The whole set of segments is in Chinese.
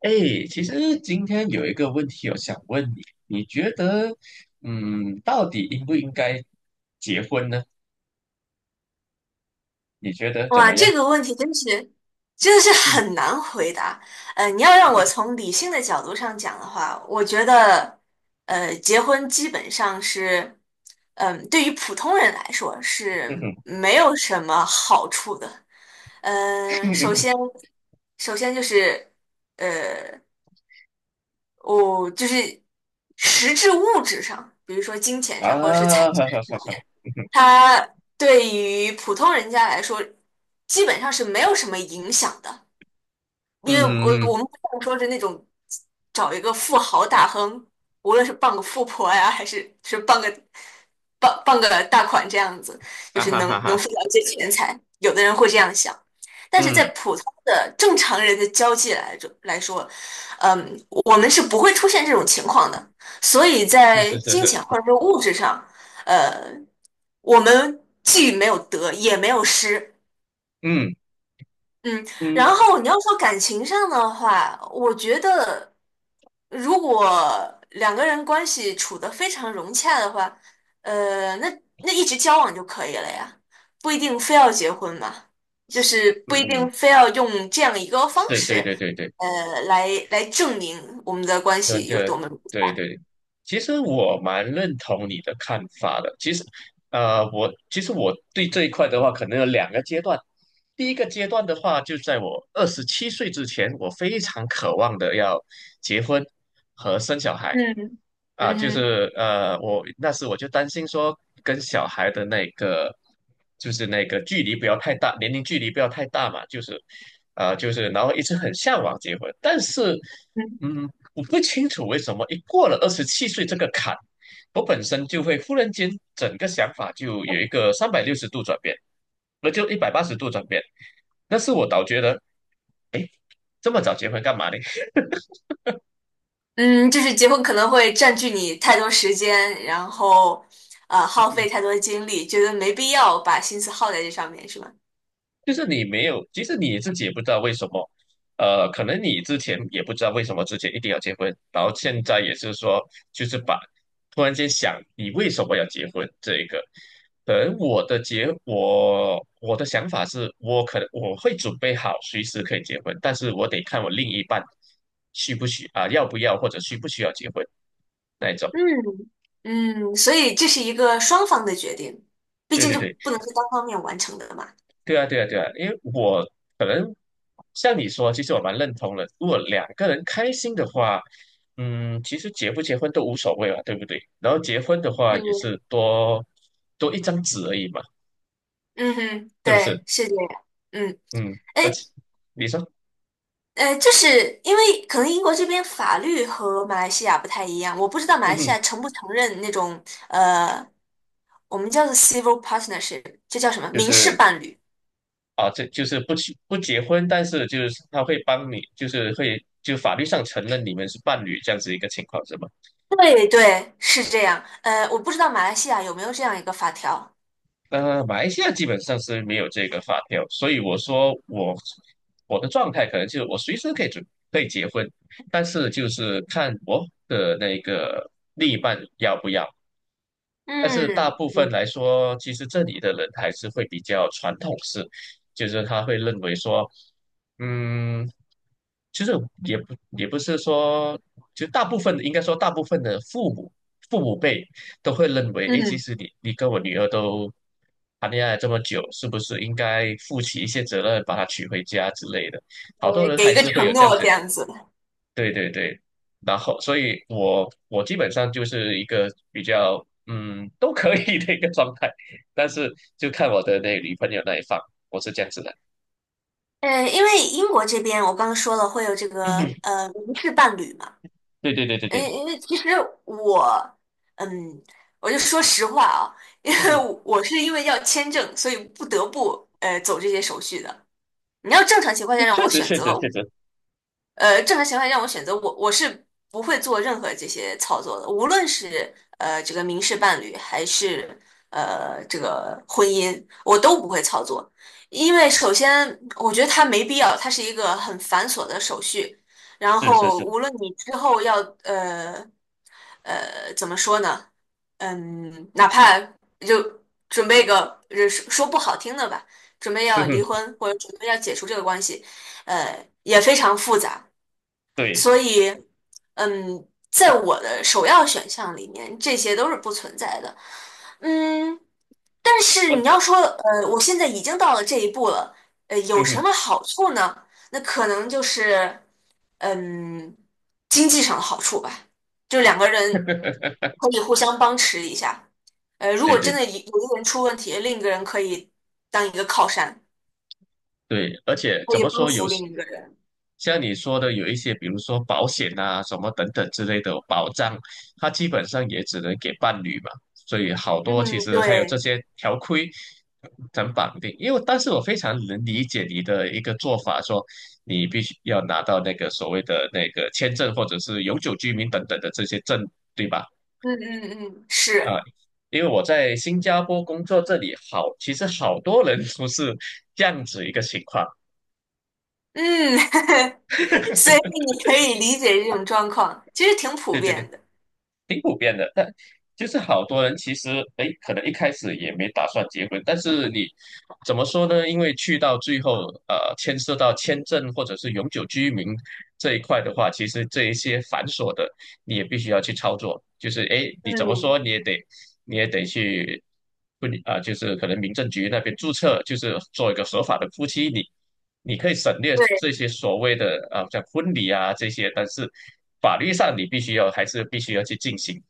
哎，其实今天有一个问题，我想问你，你觉得，到底应不应该结婚呢？你觉得怎哇，么样？这个问题真的是嗯。很难回答。你要让我从理性的角度上讲的话，我觉得，结婚基本上是，对于普通人来说嗯是哼。没有什么好处的。嗯嗯、首哼。先，首先就是，呃，我就是实质物质上，比如说金钱上或者是财啊，产哈哈哈上。哈。它对于普通人家来说，基本上是没有什么影响的，因嗯为哼我嗯哼我嗯。们不像说是那种找一个富豪大亨，无论是傍个富婆呀，还是傍个大款这样子，就啊是哈能哈能富哈。到一些钱财，有的人会这样想。但是在嗯。普通的正常人的交际来着来说，我们是不会出现这种情况的，所以在是是金是。钱或者说物质上。呃，我们既没有得也没有失，嗯嗯，然嗯后你要说感情上的话，我觉得如果两个人关系处得非常融洽的话，呃，那那一直交往就可以了呀，不一定非要结婚嘛，就是嗯不一定嗯。非要用这样一个方是对式，对对对。来证明我们的关那系有个，多么融对洽，对，其实我蛮认同你的看法的。其实，我对这一块的话，可能有两个阶段。第一个阶段的话，就在我二十七岁之前，我非常渴望的要结婚和生小孩。嗯啊，嗯我那时就担心说，跟小孩的那个距离不要太大，年龄距离不要太大嘛，就是然后一直很向往结婚，但是。哼。嗯，我不清楚为什么一过了二十七岁这个坎，我本身就会忽然间整个想法就有一个360度转变，那就180度转变。那是我倒觉得这么早结婚干嘛呢？嗯，就是结婚可能会占据你太多时间，然后耗费太多精力，觉得没必要把心思耗在这上面，是吗？就是你没有，其实你自己也不知道为什么，可能你之前也不知道为什么之前一定要结婚，然后现在也是说，就是把突然间想你为什么要结婚这一个，可能我的结我的想法是我可能我会准备好随时可以结婚，但是我得看我另一半需不需啊、要不要或者需不需要结婚那一种。嗯，嗯，所以这是一个双方的决定，毕对竟对就对。不能是单方面完成的嘛。对啊，对啊，对啊，因为我可能像你说，其实我蛮认同的。如果两个人开心的话，嗯，其实结不结婚都无所谓嘛，对不对？然后结婚的话也是，是多一张纸而已嘛，嗯哼，是不是？对，是这样。嗯，嗯，而哎，且你说，就是因为可能英国这边法律和马来西亚不太一样，我不知道马嗯来西哼，亚承不承认那种呃，我们叫做 civil partnership，这叫什么就民事是。伴侣？啊，这就是不去不结婚，但是就是他会帮你，就是会就法律上承认你们是伴侣这样子一个情况，是吗？对对，是这样。我不知道马来西亚有没有这样一个法条。马来西亚基本上是没有这个法条，所以我说我的状态可能就是我随时可以准可以结婚，但是就是看我的那个另一半要不要。但是大嗯部分嗯来说，其实这里的人还是会比较传统式，就是他会认为说，嗯，其实也不是说，就大部分应该说大部分的父母辈都会认为，诶，其嗯，实你跟我女儿都谈恋爱这么久，是不是应该负起一些责任，把她娶回家之类的？好多呃，人给还一个是会有承这样诺子。这样子。对对对，然后所以我基本上就是一个比较都可以的一个状态，但是就看我的那女朋友那一方，我是这样子的。因为英国这边我刚刚说了会有这嗯个哼。无事伴侣嘛，对对对对对。因为其实我，嗯，我就说实话啊，因嗯为哼。我是因为要签证，所以不得不走这些手续的。你要正常情况下让确我实选确择，实确实。正情情况下让我选择，我是不会做任何这些操作的，无论是这个民事伴侣还是这个婚姻，我都不会操作，因为首先我觉得它没必要，它是一个很繁琐的手续，然是是后是。无论你之后要呃怎么说呢，哪怕就准备个说说不好听的吧，准备嗯要哼。离婚或者准备要解除这个关系，也非常复杂。对。所以，在我的首要选项里面，这些都是不存在的。嗯，但是你要我。说，我现在已经到了这一步了，有嗯什哼。么好处呢？那可能就是，嗯，经济上的好处吧，就两个人可以互相帮持一下。如果对真对的有一个人出问题，另一个人可以当一个靠山，对，而且可怎以么帮说有扶时另一个人。像你说的，有一些，比如说保险啊、什么等等之类的保障，它基本上也只能给伴侣嘛。所以好多其嗯，实还有这对，些条规咱绑定。因为，但是我非常能理解你的一个做法，说你必须要拿到那个所谓的那个签证或者是永久居民等等的这些证，对吧？嗯嗯嗯，啊，是。因为我在新加坡工作，这里好，其实好多人都是这样子一个情况。嗯，所以你可以理解这种状况，其实挺普对对对。遍的。挺普遍的，但就是好多人其实，哎，可能一开始也没打算结婚，但是你怎么说呢？因为去到最后，牵涉到签证或者是永久居民这一块的话，其实这一些繁琐的，你也必须要去操作。就是哎，诶你怎么嗯，说你也得去不啊、就是可能民政局那边注册，就是做一个合法的夫妻，你可以省略这对些所谓的像婚礼啊这些，但是法律上你必须要还是必须要去进行。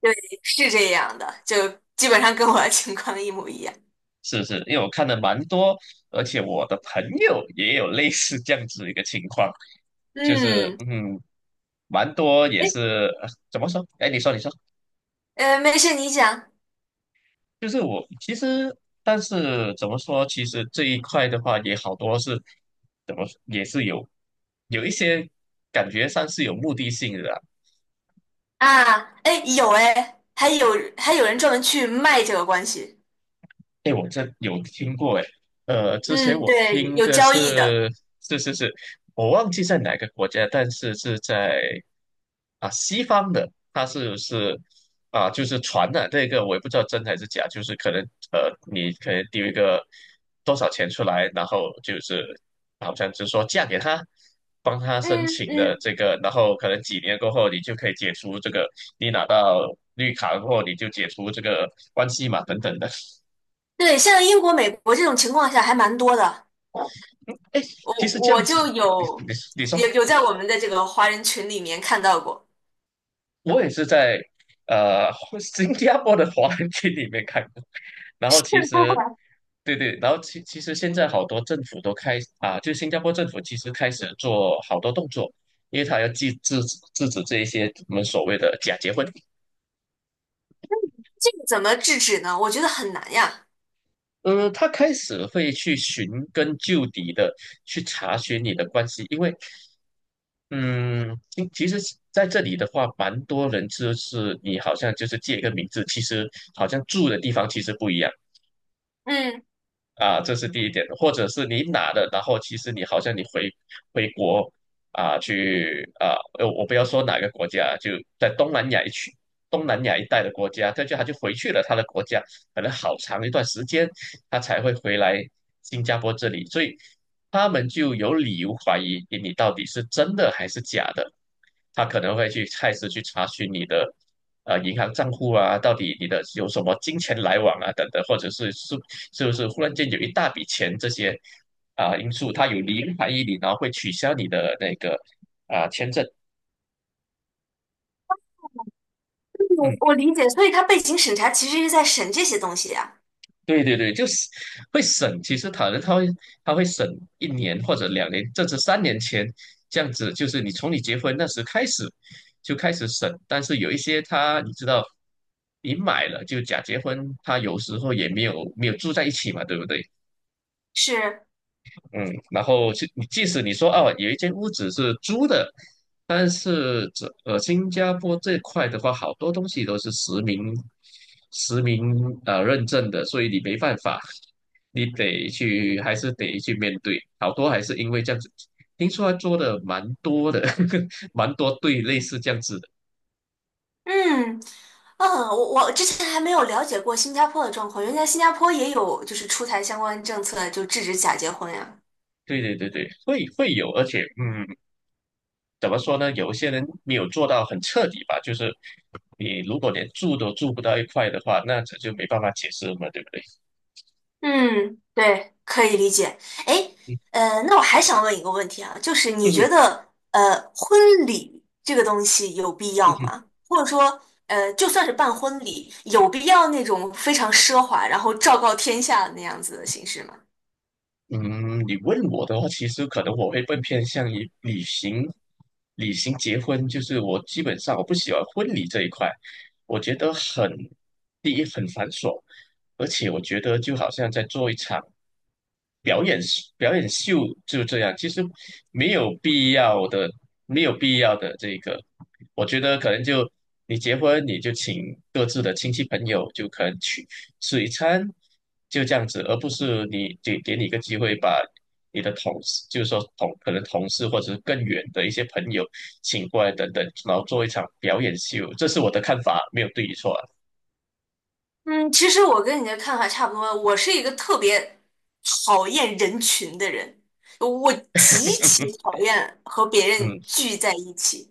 对，是这样的，就基本上跟我的情况一模一样。是是，因为我看的蛮多，而且我的朋友也有类似这样子一个情况，就是嗯，嗯，蛮多也哎，是呃怎么说？哎，你说你说。没事，你讲就是我其实，但是怎么说？其实这一块的话，也好多是怎么说也是有一些感觉上是有目的性的啊。啊，哎，还有人专门去卖这个关系。哎，我这有听过哎，之前嗯，我对，听有的交易的。是。是是是，我忘记在哪个国家，但是是在啊西方的，它是啊就是传的这个，我也不知道真还是假，就是可能你可能丢一个多少钱出来，然后就是好像就是说嫁给他，帮他申嗯请的嗯，这个，然后可能几年过后你就可以解除这个，你拿到绿卡过后你就解除这个关系嘛等等的。对，像英国、美国这种情况下还蛮多的。哎，我其实这我样子的，就你你有你说，有有在我们的这个华人群里面看到过。我也是在呃 新加坡的华人区里面看过，然后其实对对，然后其实现在好多政府都开啊，就新加坡政府其实开始做好多动作，因为他要制止这一些我们所谓的假结婚。这个怎么制止呢？我觉得很难呀。他开始会去寻根究底的去查询你的关系，因为，嗯，其实在这里的话，蛮多人就是你好像就是借一个名字，其实好像住的地方其实不一样。嗯，啊，这是第一点，或者是你拿的，然后其实你好像你回国。啊，去啊，我不要说哪个国家，就在东南亚一带的国家，他就回去了他的国家，可能好长一段时间，他才会回来新加坡这里，所以他们就有理由怀疑诶你到底是真的还是假的，他可能会去开始去查询你的。银行账户啊，到底你的有什么金钱来往啊，等等，或者是是不是忽然间有一大笔钱这些因素，它有零还一零，然后会取消你的那个签证。嗯，我理解，所以他背景审查其实是在审这些东西呀。对对对，就是会省。其实可能他会省一年或者两年，甚至三年前这样子，就是你从你结婚那时开始就开始省。但是有一些他你知道，你买了就假结婚，他有时候也没有住在一起嘛，对不对？是，嗯，然后即使你说哦，有一间屋子是租的，但是这新加坡这块的话，好多东西都是实名认证的，所以你没办法，你还是得去面对，好多还是因为这样子，听说他做的蛮多的，蛮多对类似这样子的。嗯，嗯，我之前还没有了解过新加坡的状况，原来新加坡也有就是出台相关政策，就制止假结婚呀。对对对对，会会有，而且嗯。怎么说呢？有一些人没有做到很彻底吧，就是你如果连住都住不到一块的话，那这就没办法解释了嘛，对不对？嗯，对，可以理解。哎，嗯那我还想问一个问题啊，就是你觉嗯得，婚礼这个东西有必要嗯吗？或者说，就算是办婚礼，有必要那种非常奢华，然后昭告天下的那样子的形式吗？嗯。你问我的话，其实可能我会更偏向于旅行结婚，就是我基本上我不喜欢婚礼这一块，我觉得很，第一很繁琐，而且我觉得就好像在做一场表演表演秀，就这样，其实没有必要的，没有必要的这个，我觉得可能就你结婚你就请各自的亲戚朋友，就可能去吃一餐，就这样子，而不是给你一个机会把你的同事，就是说同可能同事或者是更远的一些朋友请过来等等，然后做一场表演秀，这是我的看法，没有对与错啊。嗯，其实我跟你的看法差不多。我是一个特别讨厌人群的人，我极其 讨厌和别嗯，人聚在一起。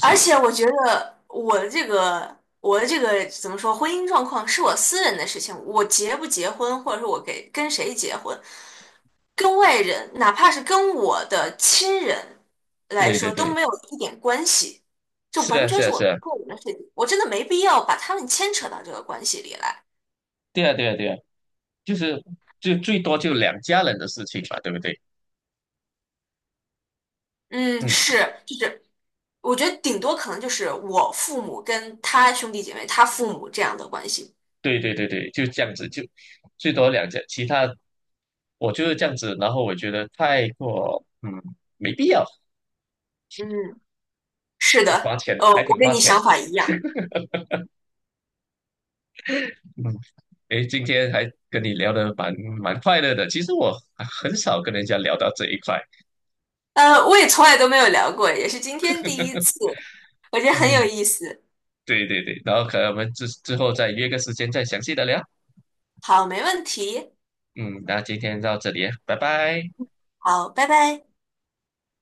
而且我觉得我的这个怎么说，婚姻状况是我私人的事情，我结不结婚，或者说我跟谁结婚，跟外人，哪怕是跟我的亲人来对对说都对。没有一点关系，这是完啊全是是啊我是啊。个人的事情，我真的没必要把他们牵扯到这个关系里来。对啊对啊对啊。就是就最多就两家人的事情嘛，对不对？嗯，嗯，是，就是我觉得顶多可能就是我父母跟他兄弟姐妹、他父母这样的关系。对对对对，就这样子，就最多两家，其他我就是这样子，然后我觉得太过没必要。嗯，是挺花的，钱的，哦，还我挺跟花你钱想的。法一样。嗯，诶，今天还跟你聊得蛮快乐的。其实我很少跟人家聊到这一块。我也从来都没有聊过，也是今天第一次，我觉得很有嗯，意思。对对对，然后可能我们之后再约个时间再详细的聊。好，没问题。嗯，那今天到这里啊，拜拜。好，拜拜。